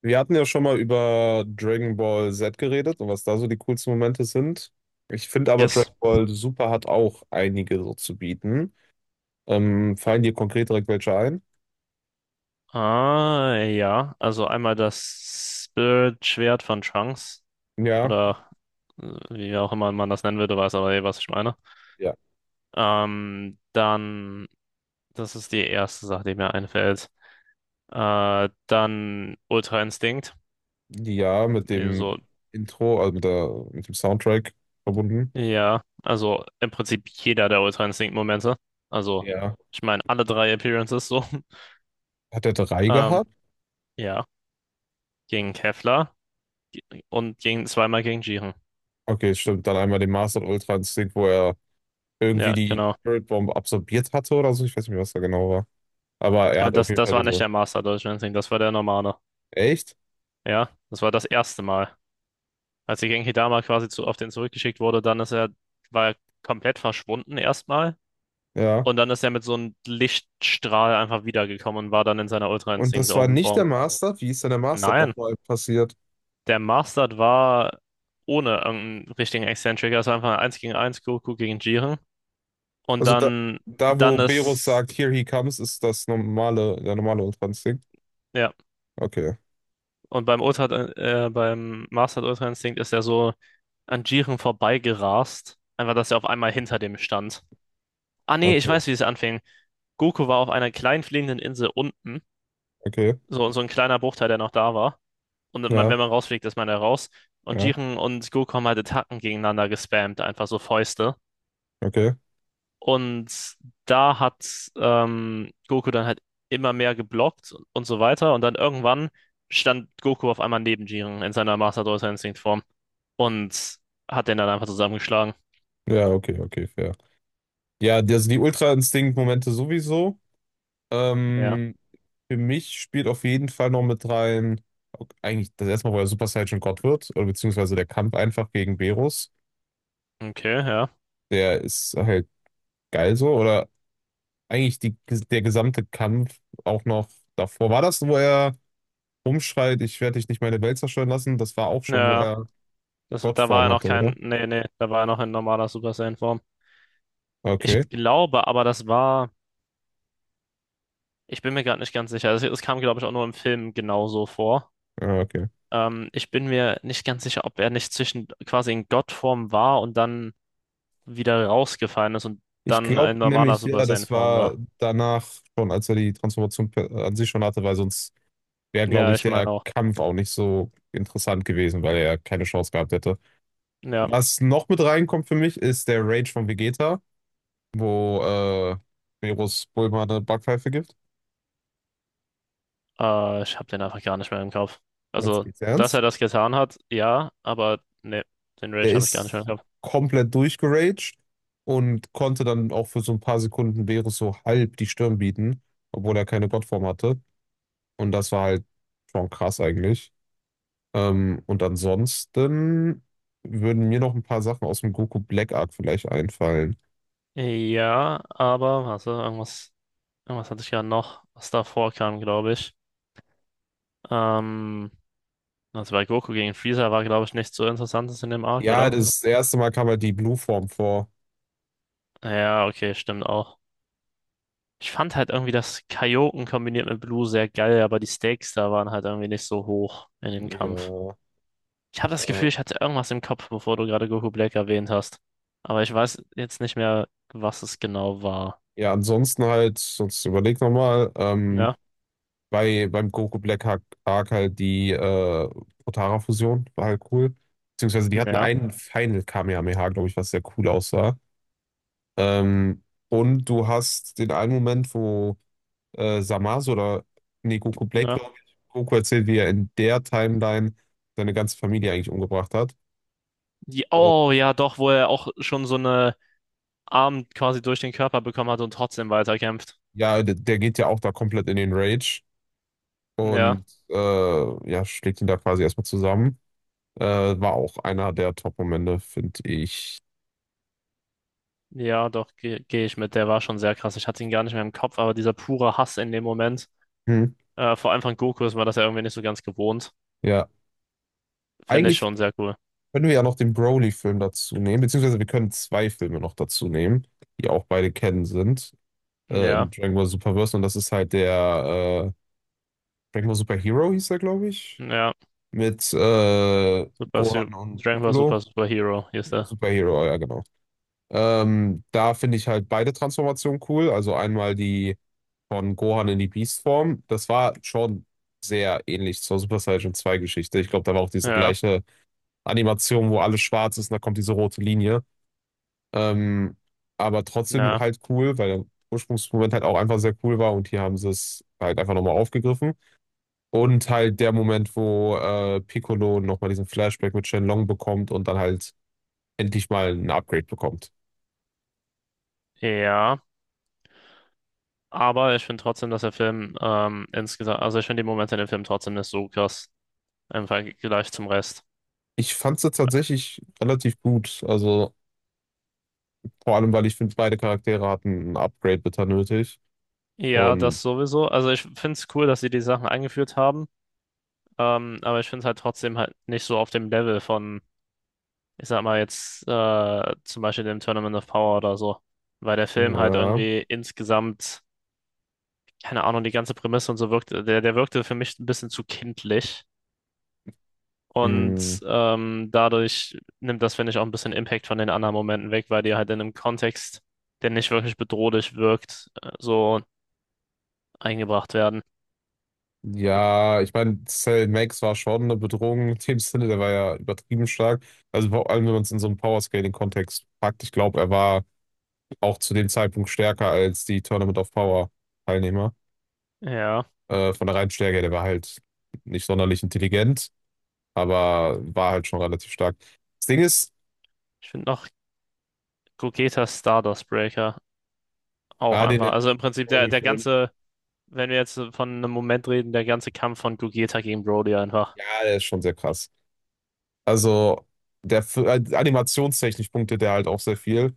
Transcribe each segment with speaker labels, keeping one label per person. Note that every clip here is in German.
Speaker 1: Wir hatten ja schon mal über Dragon Ball Z geredet und was da so die coolsten Momente sind. Ich finde aber
Speaker 2: Yes.
Speaker 1: Dragon Ball Super hat auch einige so zu bieten. Fallen dir konkret direkt welche ein?
Speaker 2: Ah, ja. Also einmal das Spirit-Schwert von Trunks
Speaker 1: Ja,
Speaker 2: oder äh, wie auch immer man das nennen würde, weiß aber eh, was ich meine.
Speaker 1: ja.
Speaker 2: Ähm, dann, Das ist die erste Sache, die mir einfällt. Dann Ultra Instinct.
Speaker 1: Ja, mit dem
Speaker 2: So,
Speaker 1: Intro, also mit dem Soundtrack verbunden.
Speaker 2: ja. Also im Prinzip jeder der Ultra Instinct-Momente. Also,
Speaker 1: Ja.
Speaker 2: ich meine, alle drei Appearances so.
Speaker 1: Hat er drei
Speaker 2: Ähm,
Speaker 1: gehabt?
Speaker 2: ja. Gegen Kefla und gegen zweimal gegen Jiren.
Speaker 1: Okay, stimmt. Dann einmal den Master Ultra Instinct, wo er irgendwie
Speaker 2: Ja,
Speaker 1: die
Speaker 2: genau.
Speaker 1: Spirit Bomb absorbiert hatte oder so. Ich weiß nicht mehr, was da genau war. Aber er
Speaker 2: Ja,
Speaker 1: hat auf
Speaker 2: das,
Speaker 1: jeden
Speaker 2: das
Speaker 1: Fall
Speaker 2: war nicht
Speaker 1: diese.
Speaker 2: der Master Deutschland, das war der normale.
Speaker 1: Echt?
Speaker 2: Ja, das war das erste Mal. Als die Genkidama quasi zu, auf den zurückgeschickt wurde, dann ist er, war er komplett verschwunden erstmal.
Speaker 1: Ja.
Speaker 2: Und dann ist er mit so einem Lichtstrahl einfach wiedergekommen und war dann in seiner Ultra
Speaker 1: Und
Speaker 2: Instinct
Speaker 1: das war
Speaker 2: oben
Speaker 1: nicht der
Speaker 2: Form.
Speaker 1: Master. Wie ist denn der Master
Speaker 2: Nein,
Speaker 1: nochmal passiert?
Speaker 2: der Mastered war ohne irgendeinen richtigen Eccentric. Es war einfach eins gegen eins Goku gegen Jiren. Und
Speaker 1: Also da wo
Speaker 2: dann
Speaker 1: Berus
Speaker 2: ist,
Speaker 1: sagt, Here he comes, ist das normale, der normale ultrans.
Speaker 2: ja.
Speaker 1: Okay,
Speaker 2: Und beim Ultra, beim Master Ultra Instinct ist er so an Jiren vorbeigerast. Einfach, dass er auf einmal hinter dem stand. Ah nee, ich
Speaker 1: okay,
Speaker 2: weiß, wie es anfing. Goku war auf einer kleinen fliegenden Insel unten.
Speaker 1: okay.
Speaker 2: So, so ein kleiner Bruchteil, der noch da war. Und man,
Speaker 1: Ja,
Speaker 2: wenn man rausfliegt, ist man da raus. Und
Speaker 1: ja,
Speaker 2: Jiren und Goku haben halt Attacken gegeneinander gespammt, einfach so Fäuste.
Speaker 1: okay.
Speaker 2: Und da hat Goku dann halt immer mehr geblockt und so weiter. Und dann irgendwann stand Goku auf einmal neben Jiren in seiner Master Ultra Instinct Form. Und hat den dann einfach zusammengeschlagen.
Speaker 1: Ja, okay, okay, fair. Ja, also die Ultra-Instinkt-Momente sowieso.
Speaker 2: Ja.
Speaker 1: Ähm, für mich spielt auf jeden Fall noch mit rein, ok, eigentlich das erste Mal, wo er Super Saiyan Gott wird, oder beziehungsweise der Kampf einfach gegen Berus.
Speaker 2: Okay, ja.
Speaker 1: Der ist halt geil so, oder eigentlich der gesamte Kampf auch noch davor. War das, wo er rumschreit, ich werde dich nicht meine Welt zerstören lassen? Das war auch schon, wo
Speaker 2: Ja,
Speaker 1: er
Speaker 2: da war
Speaker 1: Gottform
Speaker 2: er noch
Speaker 1: hatte,
Speaker 2: kein,
Speaker 1: oder?
Speaker 2: nee, nee, da war er noch in normaler Super Saiyan-Form. Ich
Speaker 1: Okay,
Speaker 2: glaube aber, das war, ich bin mir gerade nicht ganz sicher. Es kam, glaube ich, auch nur im Film genauso vor.
Speaker 1: ah, okay.
Speaker 2: Ich bin mir nicht ganz sicher, ob er nicht zwischen quasi in Gottform war und dann wieder rausgefallen ist und
Speaker 1: Ich
Speaker 2: dann
Speaker 1: glaube
Speaker 2: in normaler
Speaker 1: nämlich,
Speaker 2: Super
Speaker 1: ja, das
Speaker 2: Saiyan-Form
Speaker 1: war
Speaker 2: war.
Speaker 1: danach schon, als er die Transformation an sich schon hatte, weil sonst wäre, glaube
Speaker 2: Ja,
Speaker 1: ich,
Speaker 2: ich meine
Speaker 1: der
Speaker 2: auch.
Speaker 1: Kampf auch nicht so interessant gewesen, weil er keine Chance gehabt hätte.
Speaker 2: Ja.
Speaker 1: Was noch mit reinkommt für mich, ist der Rage von Vegeta, wo Meerus Bulma eine Backpfeife gibt.
Speaker 2: Ich habe den einfach gar nicht mehr im Kopf.
Speaker 1: Jetzt
Speaker 2: Also,
Speaker 1: geht's
Speaker 2: dass er
Speaker 1: ernst.
Speaker 2: das getan hat, ja, aber ne, den
Speaker 1: Der
Speaker 2: Rage habe ich gar nicht mehr
Speaker 1: ist
Speaker 2: im Kopf.
Speaker 1: komplett durchgeraged und konnte dann auch für so ein paar Sekunden Beerus so halb die Stirn bieten, obwohl er keine Gottform hatte. Und das war halt schon krass eigentlich. Und ansonsten würden mir noch ein paar Sachen aus dem Goku Black Arc vielleicht einfallen.
Speaker 2: Ja, aber, warte, irgendwas hatte ich gerade noch, was davor kam, glaube ich. Ähm, also bei Goku gegen Freezer war, glaube ich, nichts so Interessantes in dem Arc,
Speaker 1: Ja,
Speaker 2: oder?
Speaker 1: das erste Mal kam halt die Blue-Form vor.
Speaker 2: Ja, okay, stimmt auch. Ich fand halt irgendwie das Kaioken kombiniert mit Blue sehr geil, aber die Stakes da waren halt irgendwie nicht so hoch in dem Kampf.
Speaker 1: Ja,
Speaker 2: Ich habe das
Speaker 1: äh,
Speaker 2: Gefühl, ich hatte irgendwas im Kopf, bevor du gerade Goku Black erwähnt hast. Aber ich weiß jetzt nicht mehr, was es genau war.
Speaker 1: ja, ansonsten halt, sonst überleg nochmal.
Speaker 2: Ja,
Speaker 1: Beim Goku Black Arc halt die Potara-Fusion, war halt cool. Beziehungsweise die hatten
Speaker 2: ja,
Speaker 1: einen Final Kamehameha, glaube ich, was sehr cool aussah. Ähm, und du hast den einen Moment, wo Zamasu oder nee, Goku Black,
Speaker 2: ja.
Speaker 1: glaube ich, Goku erzählt, wie er in der Timeline seine ganze Familie eigentlich umgebracht hat. Und
Speaker 2: Oh ja, doch, wo er auch schon so eine Arm quasi durch den Körper bekommen hat und trotzdem weiterkämpft.
Speaker 1: ja, der geht ja auch da komplett in den Rage
Speaker 2: Ja,
Speaker 1: und ja, schlägt ihn da quasi erstmal zusammen. War auch einer der Top-Momente, finde ich.
Speaker 2: ja, doch, geh ich mit. Der war schon sehr krass. Ich hatte ihn gar nicht mehr im Kopf, aber dieser pure Hass in dem Moment,
Speaker 1: Hm.
Speaker 2: vor allem von Goku, ist man das ja irgendwie nicht so ganz gewohnt.
Speaker 1: Ja.
Speaker 2: Finde ich
Speaker 1: Eigentlich
Speaker 2: schon sehr cool.
Speaker 1: können wir ja noch den Broly-Film dazu nehmen, beziehungsweise wir können zwei Filme noch dazu nehmen, die auch beide kennen sind. Im
Speaker 2: Ja,
Speaker 1: Dragon Ball Superverse und das ist halt der Dragon Ball Super Hero hieß er, glaube ich.
Speaker 2: ja,
Speaker 1: Mit
Speaker 2: super,
Speaker 1: Gohan und
Speaker 2: Dragon Ball
Speaker 1: Piccolo.
Speaker 2: Super Super Hero, hier ist er.
Speaker 1: Super Hero, ja genau. Da finde ich halt beide Transformationen cool. Also einmal die von Gohan in die Beast-Form. Das war schon sehr ähnlich zur Super Saiyan zwei Geschichte. Ich glaube, da war auch diese
Speaker 2: Ja,
Speaker 1: gleiche Animation, wo alles schwarz ist und da kommt diese rote Linie. Ähm, aber trotzdem
Speaker 2: ja,
Speaker 1: halt cool, weil der Ursprungsmoment halt auch einfach sehr cool war und hier haben sie es halt einfach nochmal aufgegriffen. Und halt der Moment, wo Piccolo nochmal diesen Flashback mit Shenlong bekommt und dann halt endlich mal ein Upgrade bekommt.
Speaker 2: ja. Aber ich finde trotzdem, dass der Film insgesamt, also ich finde die Momente in dem Film trotzdem nicht so krass im Vergleich zum Rest.
Speaker 1: Ich fand sie tatsächlich relativ gut. Also vor allem, weil ich finde, beide Charaktere hatten ein Upgrade bitter nötig.
Speaker 2: Ja,
Speaker 1: Und
Speaker 2: das sowieso. Also ich finde es cool, dass sie die Sachen eingeführt haben, aber ich finde es halt trotzdem halt nicht so auf dem Level von, ich sag mal jetzt zum Beispiel dem Tournament of Power oder so, weil der Film halt
Speaker 1: ja.
Speaker 2: irgendwie insgesamt, keine Ahnung, die ganze Prämisse und so wirkte, der wirkte für mich ein bisschen zu kindlich.
Speaker 1: Hm.
Speaker 2: Und dadurch nimmt das, finde ich, auch ein bisschen Impact von den anderen Momenten weg, weil die halt in einem Kontext, der nicht wirklich bedrohlich wirkt, so eingebracht werden.
Speaker 1: Ja, ich meine, Cell Max war schon eine Bedrohung in dem Sinne, der war ja übertrieben stark. Also vor allem, wenn man es in so einen Power-Scaling-Kontext packt, ich glaube, er war auch zu dem Zeitpunkt stärker als die Tournament of Power-Teilnehmer.
Speaker 2: Ja,
Speaker 1: Von der reinen Stärke her, der war halt nicht sonderlich intelligent, aber war halt schon relativ stark. Das Ding ist,
Speaker 2: ich finde noch Gogetas Stardust Breaker auch
Speaker 1: ah, den
Speaker 2: einfach. Also im Prinzip der
Speaker 1: Animation,
Speaker 2: ganze, wenn wir jetzt von einem Moment reden, der ganze Kampf von Gogeta gegen Broly einfach.
Speaker 1: ja, der ist schon sehr krass. Also, animationstechnisch punktet der halt auch sehr viel.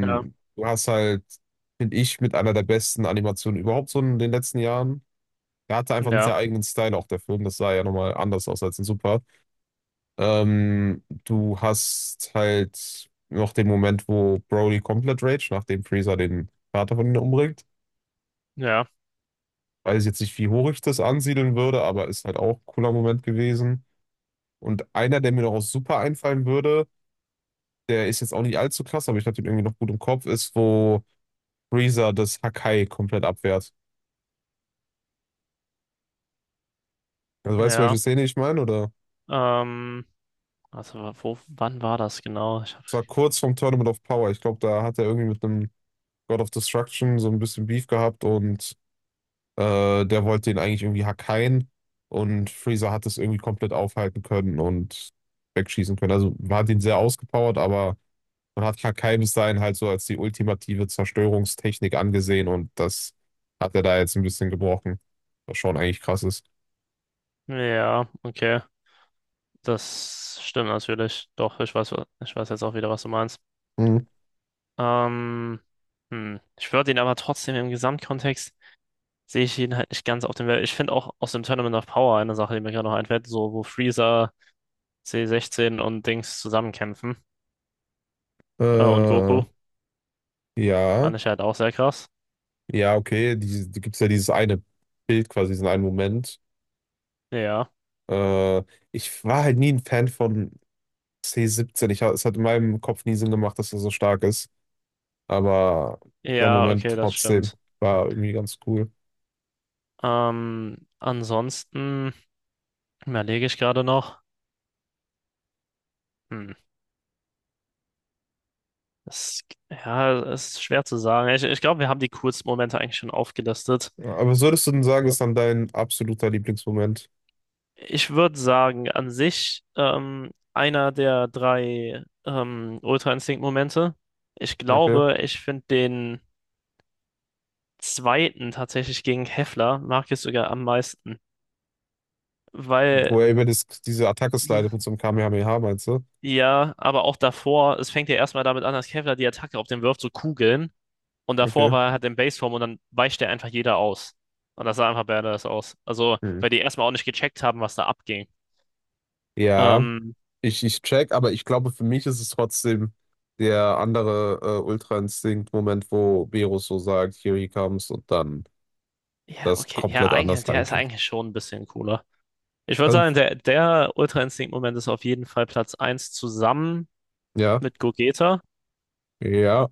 Speaker 2: Ja,
Speaker 1: Du hast halt, finde ich, mit einer der besten Animationen überhaupt so in den letzten Jahren. Er hatte einfach einen
Speaker 2: ja,
Speaker 1: sehr eigenen Style auch der Film. Das sah ja nochmal anders aus als in Super. Du hast halt noch den Moment, wo Broly komplett rage, nachdem Freezer den Vater von ihm umbringt.
Speaker 2: ja,
Speaker 1: Weiß jetzt nicht, wie hoch ich das ansiedeln würde, aber ist halt auch ein cooler Moment gewesen. Und einer, der mir noch aus Super einfallen würde, der ist jetzt auch nicht allzu krass, aber ich hatte ihn irgendwie noch gut im Kopf, ist, wo Freezer das Hakai komplett abwehrt. Also weißt du,
Speaker 2: ja.
Speaker 1: welche Szene ich meine? Oder
Speaker 2: Ähm, also wann war das genau?
Speaker 1: es war kurz vom Tournament of Power. Ich glaube, da hat er irgendwie mit einem God of Destruction so ein bisschen Beef gehabt und der wollte ihn eigentlich irgendwie hackeien und Freezer hat es irgendwie komplett aufhalten können und wegschießen können. Also man hat ihn sehr ausgepowert, aber man hat Hakai bis dahin halt so als die ultimative Zerstörungstechnik angesehen und das hat er da jetzt ein bisschen gebrochen, was schon eigentlich krass ist.
Speaker 2: Ja, okay. Das stimmt natürlich. Doch, ich weiß jetzt auch wieder, was du meinst.
Speaker 1: Mhm.
Speaker 2: Ähm, hm. Ich würde ihn aber trotzdem im Gesamtkontext sehe ich ihn halt nicht ganz auf dem Level. Ich finde auch aus dem Tournament of Power eine Sache, die mir gerade noch einfällt, so wo Freezer, C16 und Dings zusammenkämpfen. Und
Speaker 1: Äh,
Speaker 2: Goku
Speaker 1: ja.
Speaker 2: fand ich halt auch sehr krass.
Speaker 1: Ja, okay, die gibt es ja dieses eine Bild quasi, diesen einen Moment.
Speaker 2: Ja.
Speaker 1: Äh, ich war halt nie ein Fan von C17. Es hat in meinem Kopf nie Sinn gemacht, dass er so stark ist. Aber der
Speaker 2: Ja,
Speaker 1: Moment
Speaker 2: okay, das
Speaker 1: trotzdem
Speaker 2: stimmt.
Speaker 1: war irgendwie ganz cool.
Speaker 2: Ansonsten überlege ich gerade noch. Hm. Das, ja, es ist schwer zu sagen. Ich glaube, wir haben die coolsten Momente eigentlich schon aufgelistet.
Speaker 1: Ja, aber was würdest du denn sagen,
Speaker 2: So.
Speaker 1: ist dann dein absoluter Lieblingsmoment?
Speaker 2: Ich würde sagen, an sich einer der drei Ultra Instinct-Momente. Ich
Speaker 1: Okay.
Speaker 2: glaube, ich finde den zweiten tatsächlich gegen Heffler mag ich sogar am meisten. Weil,
Speaker 1: Wo er über das, diese Attacke
Speaker 2: So.
Speaker 1: slidet mit so einem Kamehameha, meinst du?
Speaker 2: Ja, aber auch davor, es fängt ja erstmal damit an, dass Heffler die Attacke auf den wirft, so Kugeln. Und davor
Speaker 1: Okay.
Speaker 2: war er halt in Baseform und dann weicht er einfach jeder aus. Und das sah einfach badass aus. Also,
Speaker 1: Hm.
Speaker 2: weil die erstmal auch nicht gecheckt haben, was da abging.
Speaker 1: Ja.
Speaker 2: Ähm,
Speaker 1: Ich check, aber ich glaube, für mich ist es trotzdem der andere Ultra-Instinkt-Moment, wo Beerus so sagt, here he comes und dann
Speaker 2: ja,
Speaker 1: das
Speaker 2: okay, ja,
Speaker 1: komplett
Speaker 2: eigentlich,
Speaker 1: anders
Speaker 2: der ist
Speaker 1: reingeht.
Speaker 2: eigentlich schon ein bisschen cooler. Ich würde
Speaker 1: Also,
Speaker 2: sagen, der Ultra-Instinkt-Moment ist auf jeden Fall Platz eins zusammen
Speaker 1: ja,
Speaker 2: mit Gogeta.
Speaker 1: ja,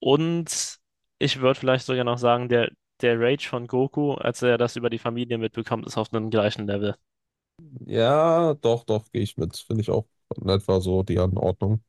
Speaker 2: Und ich würde vielleicht sogar noch sagen, der Rage von Goku, als er das über die Familie mitbekommt, ist auf einem gleichen Level.
Speaker 1: ja, doch, doch, gehe ich mit. Finde ich auch in etwa so die Anordnung.